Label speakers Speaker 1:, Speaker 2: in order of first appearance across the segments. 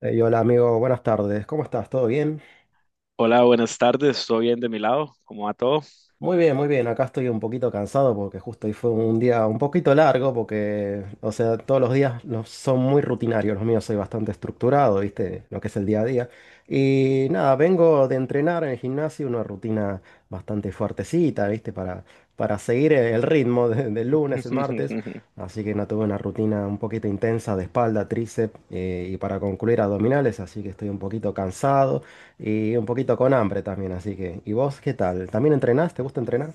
Speaker 1: Ey, hola amigo, buenas tardes. ¿Cómo estás? ¿Todo bien?
Speaker 2: Hola, buenas tardes. ¿Todo bien de mi lado? ¿Cómo va todo?
Speaker 1: Muy bien, muy bien. Acá estoy un poquito cansado porque justo hoy fue un día un poquito largo porque, o sea, todos los días son muy rutinarios. Los míos soy bastante estructurado, ¿viste? Lo que es el día a día. Y nada, vengo de entrenar en el gimnasio una rutina bastante fuertecita, ¿viste? Para seguir el ritmo del lunes, el martes. Así que no tuve una rutina un poquito intensa de espalda, tríceps, y para concluir abdominales, así que estoy un poquito cansado. Y un poquito con hambre también, así que. ¿Y vos qué tal? ¿También entrenás? ¿Te gusta entrenar?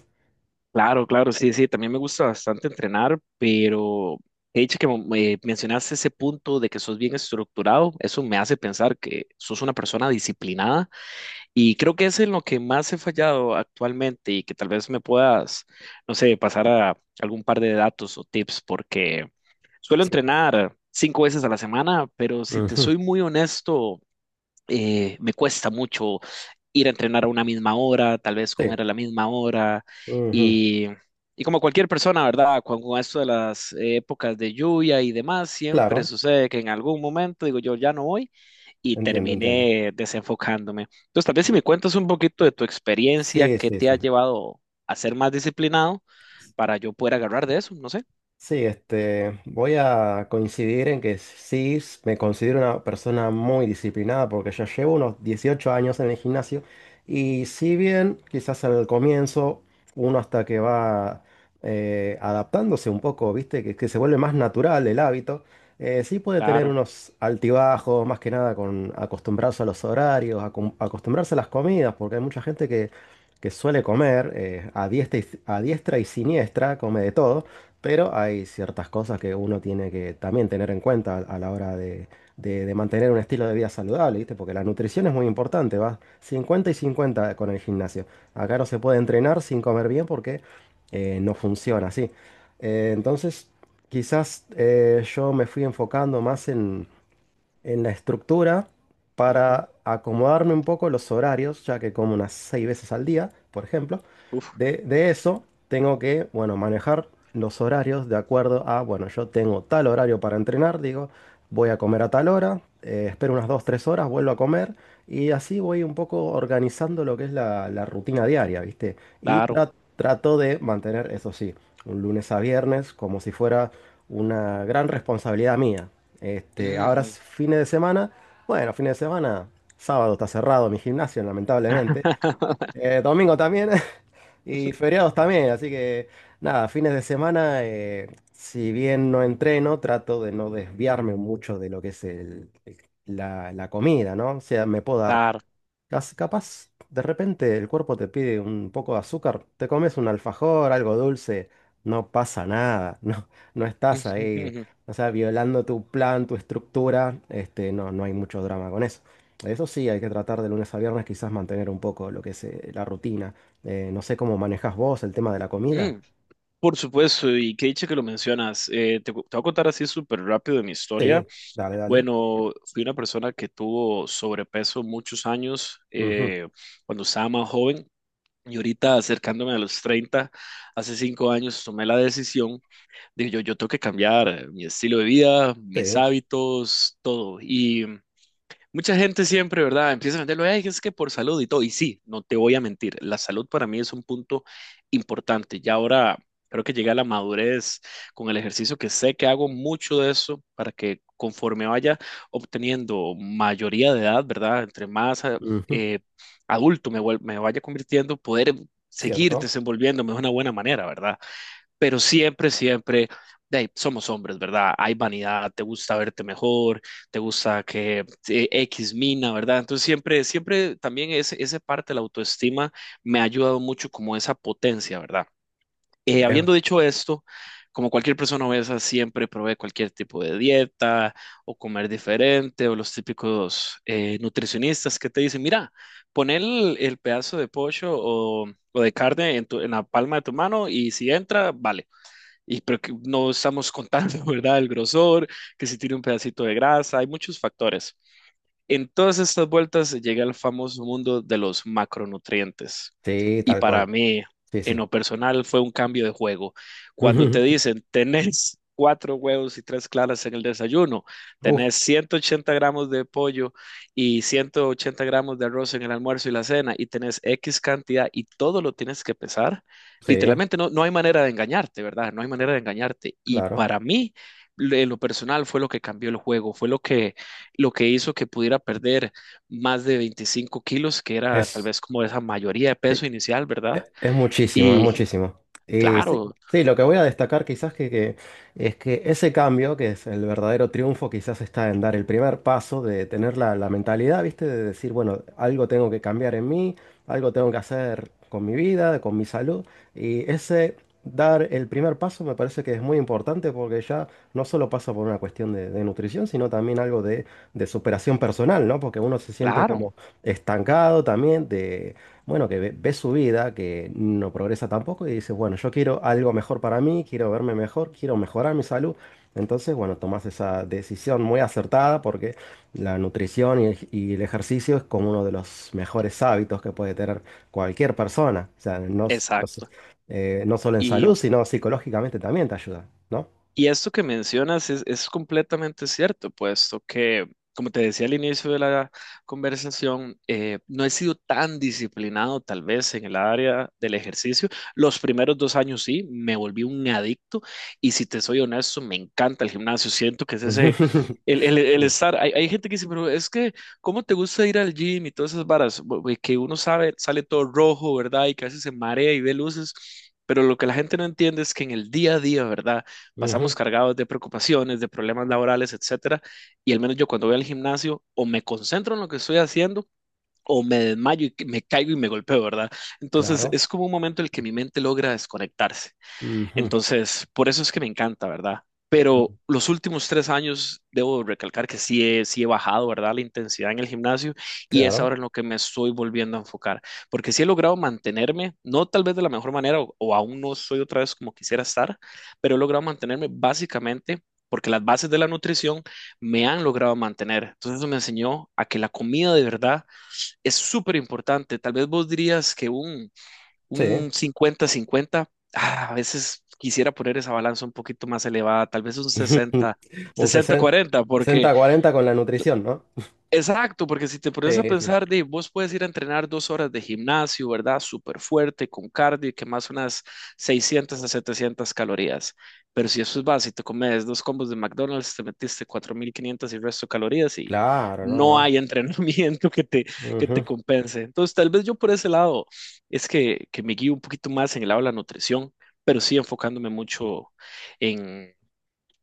Speaker 2: Claro, claro, sí, sí. También me gusta bastante entrenar, pero he dicho que me mencionaste ese punto de que sos bien estructurado. Eso me hace pensar que sos una persona disciplinada y creo que es en lo que más he fallado actualmente y que tal vez me puedas, no sé, pasar a algún par de datos o tips porque suelo
Speaker 1: Sí.
Speaker 2: entrenar 5 veces a la semana, pero si te
Speaker 1: Ujú.
Speaker 2: soy muy honesto. Me cuesta mucho ir a entrenar a una misma hora, tal vez
Speaker 1: Sí.
Speaker 2: comer a la misma hora
Speaker 1: Ujú.
Speaker 2: y, y como cualquier persona, ¿verdad? Con esto de las épocas de lluvia y demás, siempre
Speaker 1: Claro,
Speaker 2: sucede que en algún momento digo yo ya no voy y
Speaker 1: entiendo, entiendo.
Speaker 2: terminé desenfocándome. Entonces, tal vez si me cuentas un poquito de tu experiencia,
Speaker 1: Sí,
Speaker 2: qué
Speaker 1: sí,
Speaker 2: te ha
Speaker 1: sí.
Speaker 2: llevado a ser más disciplinado para yo poder agarrar de eso, no sé.
Speaker 1: Sí, este, voy a coincidir en que sí me considero una persona muy disciplinada porque ya llevo unos 18 años en el gimnasio, y si bien quizás al comienzo uno hasta que va adaptándose un poco, viste, que se vuelve más natural el hábito, sí puede tener
Speaker 2: Claro.
Speaker 1: unos altibajos, más que nada con acostumbrarse a los horarios, acostumbrarse a las comidas, porque hay mucha gente que suele comer, a diestra y siniestra, come de todo. Pero hay ciertas cosas que uno tiene que también tener en cuenta a la hora de mantener un estilo de vida saludable, ¿viste? Porque la nutrición es muy importante, va 50 y 50 con el gimnasio. Acá no se puede entrenar sin comer bien porque no funciona así. Entonces, quizás, yo me fui enfocando más en la estructura
Speaker 2: Ujú.
Speaker 1: para acomodarme un poco los horarios, ya que como unas seis veces al día, por ejemplo.
Speaker 2: Uf,
Speaker 1: De eso tengo que, bueno, manejar los horarios de acuerdo a, bueno, yo tengo tal horario para entrenar, digo, voy a comer a tal hora, espero unas dos, tres horas, vuelvo a comer, y así voy un poco organizando lo que es la rutina diaria, ¿viste? Y
Speaker 2: claro.
Speaker 1: trato de mantener, eso sí, un lunes a viernes como si fuera una gran responsabilidad mía. Este, ahora
Speaker 2: Ujú.
Speaker 1: es fines de semana. Bueno, fines de semana. Sábado está cerrado mi gimnasio, lamentablemente. Domingo también. Y feriados también. Así que nada, fines de semana, si bien no entreno, trato de no desviarme mucho de lo que es la comida, ¿no? O sea, me puedo dar.
Speaker 2: Claro.
Speaker 1: Capaz, de repente el cuerpo te pide un poco de azúcar, te comes un alfajor, algo dulce, no pasa nada, no estás ahí, o sea, violando tu plan, tu estructura, este, no hay mucho drama con eso. Eso sí, hay que tratar de lunes a viernes quizás mantener un poco lo que es, la rutina. No sé cómo manejas vos el tema de la comida.
Speaker 2: Mm, por supuesto, y qué dicha que lo mencionas. Te voy a contar así súper rápido de mi historia.
Speaker 1: Sí, dale, dale.
Speaker 2: Bueno, fui una persona que tuvo sobrepeso muchos años
Speaker 1: Ujú.
Speaker 2: cuando estaba más joven y ahorita acercándome a los 30, hace 5 años tomé la decisión de yo tengo que cambiar mi estilo de vida, mis
Speaker 1: Sí,
Speaker 2: hábitos, todo. Y mucha gente siempre, ¿verdad? Empieza a venderlo, "Ay, es que por salud y todo". Y sí, no te voy a mentir, la salud para mí es un punto importante. Ya ahora creo que llegué a la madurez con el ejercicio, que sé que hago mucho de eso para que conforme vaya obteniendo mayoría de edad, ¿verdad? Entre más
Speaker 1: ujú.
Speaker 2: eh, me vaya convirtiendo, poder seguir
Speaker 1: Cierto.
Speaker 2: desenvolviéndome de una buena manera, ¿verdad? Pero siempre, siempre, de ahí, somos hombres, ¿verdad? Hay vanidad, te gusta verte mejor, te gusta que X mina, ¿verdad? Entonces siempre, siempre también esa parte de la autoestima me ha ayudado mucho como esa potencia, ¿verdad?
Speaker 1: Eh,
Speaker 2: Habiendo dicho esto, como cualquier persona obesa, siempre probé cualquier tipo de dieta o comer diferente o los típicos nutricionistas que te dicen, mira, pon el pedazo de pollo o de carne en, en la palma de tu mano y si entra, vale, y pero que no estamos contando, ¿verdad? El grosor, que si tiene un pedacito de grasa, hay muchos factores. En todas estas vueltas llegué al famoso mundo de los macronutrientes.
Speaker 1: sí,
Speaker 2: Y
Speaker 1: tal
Speaker 2: para
Speaker 1: cual.
Speaker 2: mí,
Speaker 1: Sí,
Speaker 2: en
Speaker 1: sí.
Speaker 2: lo personal, fue un cambio de juego. Cuando te dicen, tenés cuatro huevos y tres claras en el desayuno,
Speaker 1: Uf,
Speaker 2: tenés 180 gramos de pollo y 180 gramos de arroz en el almuerzo y la cena, y tenés X cantidad y todo lo tienes que pesar,
Speaker 1: sí,
Speaker 2: literalmente no hay manera de engañarte, ¿verdad? No hay manera de engañarte. Y
Speaker 1: claro.
Speaker 2: para mí, en lo personal, fue lo que cambió el juego, fue lo que hizo que pudiera perder más de 25 kilos, que era tal
Speaker 1: Es
Speaker 2: vez como esa mayoría de
Speaker 1: Sí,
Speaker 2: peso inicial, ¿verdad?
Speaker 1: es muchísimo, es
Speaker 2: Y
Speaker 1: muchísimo. Y sí,
Speaker 2: claro,
Speaker 1: sí, lo que voy a destacar quizás, es que ese cambio, que es el verdadero triunfo, quizás está en dar el primer paso de tener la mentalidad, ¿viste? De decir, bueno, algo tengo que cambiar en mí, algo tengo que hacer con mi vida, con mi salud. Y ese dar el primer paso me parece que es muy importante porque ya no solo pasa por una cuestión de nutrición, sino también algo de superación personal, ¿no? Porque uno se siente
Speaker 2: claro,
Speaker 1: como estancado también. Bueno, que ve su vida, que no progresa tampoco, y dice, bueno, yo quiero algo mejor para mí, quiero verme mejor, quiero mejorar mi salud. Entonces, bueno, tomas esa decisión muy acertada porque la nutrición y el ejercicio es como uno de los mejores hábitos que puede tener cualquier persona. O sea,
Speaker 2: exacto.
Speaker 1: no solo en salud, sino psicológicamente también te ayuda, ¿no?
Speaker 2: Y esto que mencionas es completamente cierto, puesto que, como te decía al inicio de la conversación, no he sido tan disciplinado tal vez en el área del ejercicio. Los primeros 2 años sí, me volví un adicto y si te soy honesto, me encanta el gimnasio. Siento que es ese, el
Speaker 1: Sí.
Speaker 2: estar, hay gente que dice, pero es que, ¿cómo te gusta ir al gym y todas esas varas? Que uno sabe, sale todo rojo, ¿verdad? Y que a veces se marea y ve luces. Pero lo que la gente no entiende es que en el día a día, ¿verdad? Pasamos
Speaker 1: Ujú.
Speaker 2: cargados de preocupaciones, de problemas laborales, etcétera, y al menos yo cuando voy al gimnasio o me concentro en lo que estoy haciendo o me desmayo y me caigo y me golpeo, ¿verdad? Entonces
Speaker 1: Claro.
Speaker 2: es como un momento en el que mi mente logra desconectarse.
Speaker 1: Ujú.
Speaker 2: Entonces, por eso es que me encanta, ¿verdad? Pero los últimos 3 años, debo recalcar que sí he bajado, ¿verdad? La intensidad en el gimnasio, y es ahora
Speaker 1: Claro.
Speaker 2: en lo que me estoy volviendo a enfocar, porque sí he logrado mantenerme, no tal vez de la mejor manera o aún no soy otra vez como quisiera estar, pero he logrado mantenerme básicamente porque las bases de la nutrición me han logrado mantener. Entonces eso me enseñó a que la comida de verdad es súper importante. Tal vez vos dirías que
Speaker 1: Sí.
Speaker 2: un 50-50. Ah, a veces quisiera poner esa balanza un poquito más elevada, tal vez un
Speaker 1: Un
Speaker 2: sesenta cuarenta porque
Speaker 1: sesenta cuarenta con la nutrición, ¿no?
Speaker 2: exacto, porque si te pones a
Speaker 1: Sí, sí.
Speaker 2: pensar, de, vos puedes ir a entrenar 2 horas de gimnasio, ¿verdad? Súper fuerte, con cardio, y que más unas 600 a 700 calorías. Pero si eso es básico, te comes dos combos de McDonald's, te metiste 4.500 y el resto de calorías y
Speaker 1: Claro,
Speaker 2: no
Speaker 1: no,
Speaker 2: hay entrenamiento
Speaker 1: no.
Speaker 2: que te
Speaker 1: Ujú.
Speaker 2: compense. Entonces, tal vez yo por ese lado es que me guío un poquito más en el lado de la nutrición, pero sí enfocándome mucho en,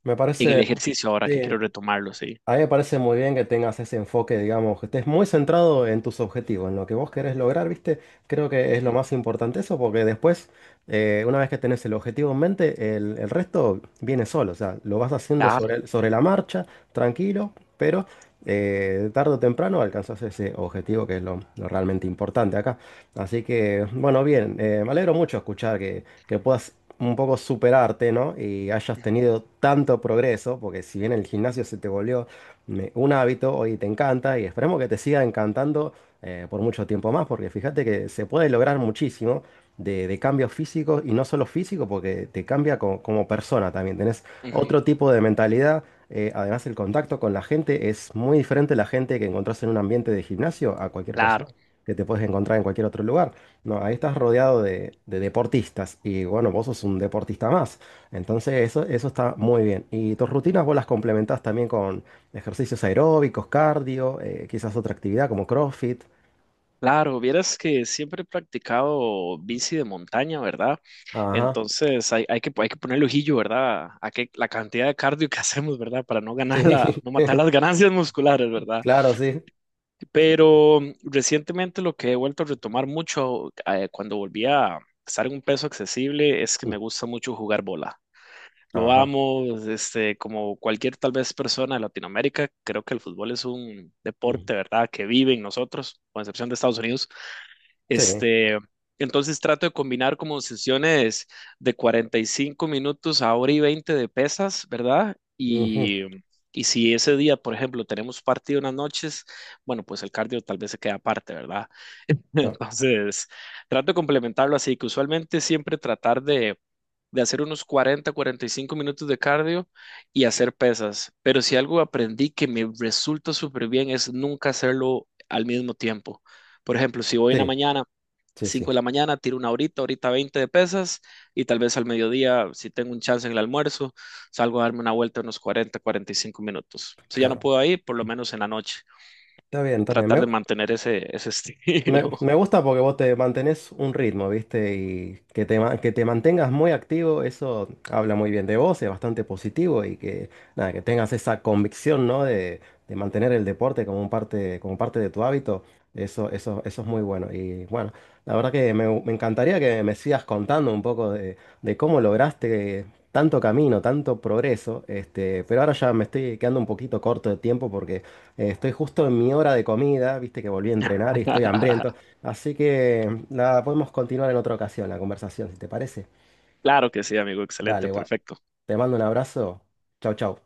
Speaker 1: Me
Speaker 2: en el
Speaker 1: parece,
Speaker 2: ejercicio ahora
Speaker 1: sí.
Speaker 2: que quiero retomarlo, sí.
Speaker 1: A mí me parece muy bien que tengas ese enfoque, digamos, que estés muy centrado en tus objetivos, en lo que vos querés lograr, ¿viste? Creo que es lo
Speaker 2: Ujú,
Speaker 1: más importante eso, porque después, una vez que tenés el objetivo en mente, el resto viene solo, o sea, lo vas haciendo
Speaker 2: claro,
Speaker 1: sobre la marcha, tranquilo, pero, tarde o temprano alcanzás ese objetivo que es lo realmente importante acá. Así que, bueno, bien, me alegro mucho escuchar que puedas un poco superarte, ¿no? Y hayas tenido tanto progreso, porque si bien el gimnasio se te volvió un hábito, hoy te encanta y esperemos que te siga encantando por mucho tiempo más, porque fíjate que se puede lograr muchísimo de cambios físicos, y no solo físico, porque te cambia como persona también, tenés
Speaker 2: ujú,
Speaker 1: otro tipo de mentalidad. Además, el contacto con la gente es muy diferente: a la gente que encontrás en un ambiente de gimnasio, a cualquier
Speaker 2: claro.
Speaker 1: persona que te puedes encontrar en cualquier otro lugar. No, ahí estás rodeado de deportistas y, bueno, vos sos un deportista más. Entonces, eso está muy bien. Y tus rutinas vos las complementás también con ejercicios aeróbicos, cardio, quizás otra actividad como CrossFit.
Speaker 2: Claro, vieras que siempre he practicado bici de montaña, ¿verdad?
Speaker 1: Ajá.
Speaker 2: Entonces hay, hay que ponerle ojillo, ¿verdad? A que la cantidad de cardio que hacemos, ¿verdad? Para no
Speaker 1: Sí,
Speaker 2: ganar la, no matar las ganancias musculares, ¿verdad?
Speaker 1: claro, sí.
Speaker 2: Pero mm, recientemente lo que he vuelto a retomar mucho cuando volví a estar en un peso accesible es que
Speaker 1: Mm.
Speaker 2: me gusta mucho jugar bola. Lo
Speaker 1: Ajá.
Speaker 2: amo, este, como cualquier tal vez persona de Latinoamérica, creo que el fútbol es un
Speaker 1: Mm.
Speaker 2: deporte, ¿verdad? Que vive en nosotros, con excepción de Estados Unidos.
Speaker 1: Sí.
Speaker 2: Este, entonces trato de combinar como sesiones de 45 minutos a hora y 20 de pesas, ¿verdad?
Speaker 1: Ujú.
Speaker 2: Y si ese día, por ejemplo, tenemos partido en las noches, bueno, pues el cardio tal vez se queda aparte, ¿verdad?
Speaker 1: No.
Speaker 2: Entonces, trato de complementarlo así, que usualmente siempre tratar de hacer unos 40-45 minutos de cardio y hacer pesas. Pero si algo aprendí que me resulta súper bien es nunca hacerlo al mismo tiempo. Por ejemplo, si voy en la
Speaker 1: Sí,
Speaker 2: mañana
Speaker 1: sí, sí.
Speaker 2: 5 de la mañana, tiro una horita, horita 20 de pesas y tal vez al mediodía, si tengo un chance en el almuerzo, salgo a darme una vuelta unos 40-45 minutos. Si ya no
Speaker 1: Claro.
Speaker 2: puedo ir, por lo menos en la noche,
Speaker 1: Está bien, está bien.
Speaker 2: tratar de mantener ese, ese estilo.
Speaker 1: Me gusta porque vos te mantenés un ritmo, ¿viste? Y que que te mantengas muy activo, eso habla muy bien de vos, es bastante positivo. Y que, nada, que tengas esa convicción, ¿no? De mantener el deporte como como parte de tu hábito, eso es muy bueno. Y bueno, la verdad que me encantaría que me sigas contando un poco de cómo lograste tanto camino, tanto progreso, este, pero ahora ya me estoy quedando un poquito corto de tiempo porque estoy justo en mi hora de comida, viste que volví a entrenar y estoy hambriento, así que la podemos continuar en otra ocasión la conversación, si te parece.
Speaker 2: Claro que sí, amigo, excelente,
Speaker 1: Dale, guay.
Speaker 2: perfecto.
Speaker 1: Te mando un abrazo. Chau, chau.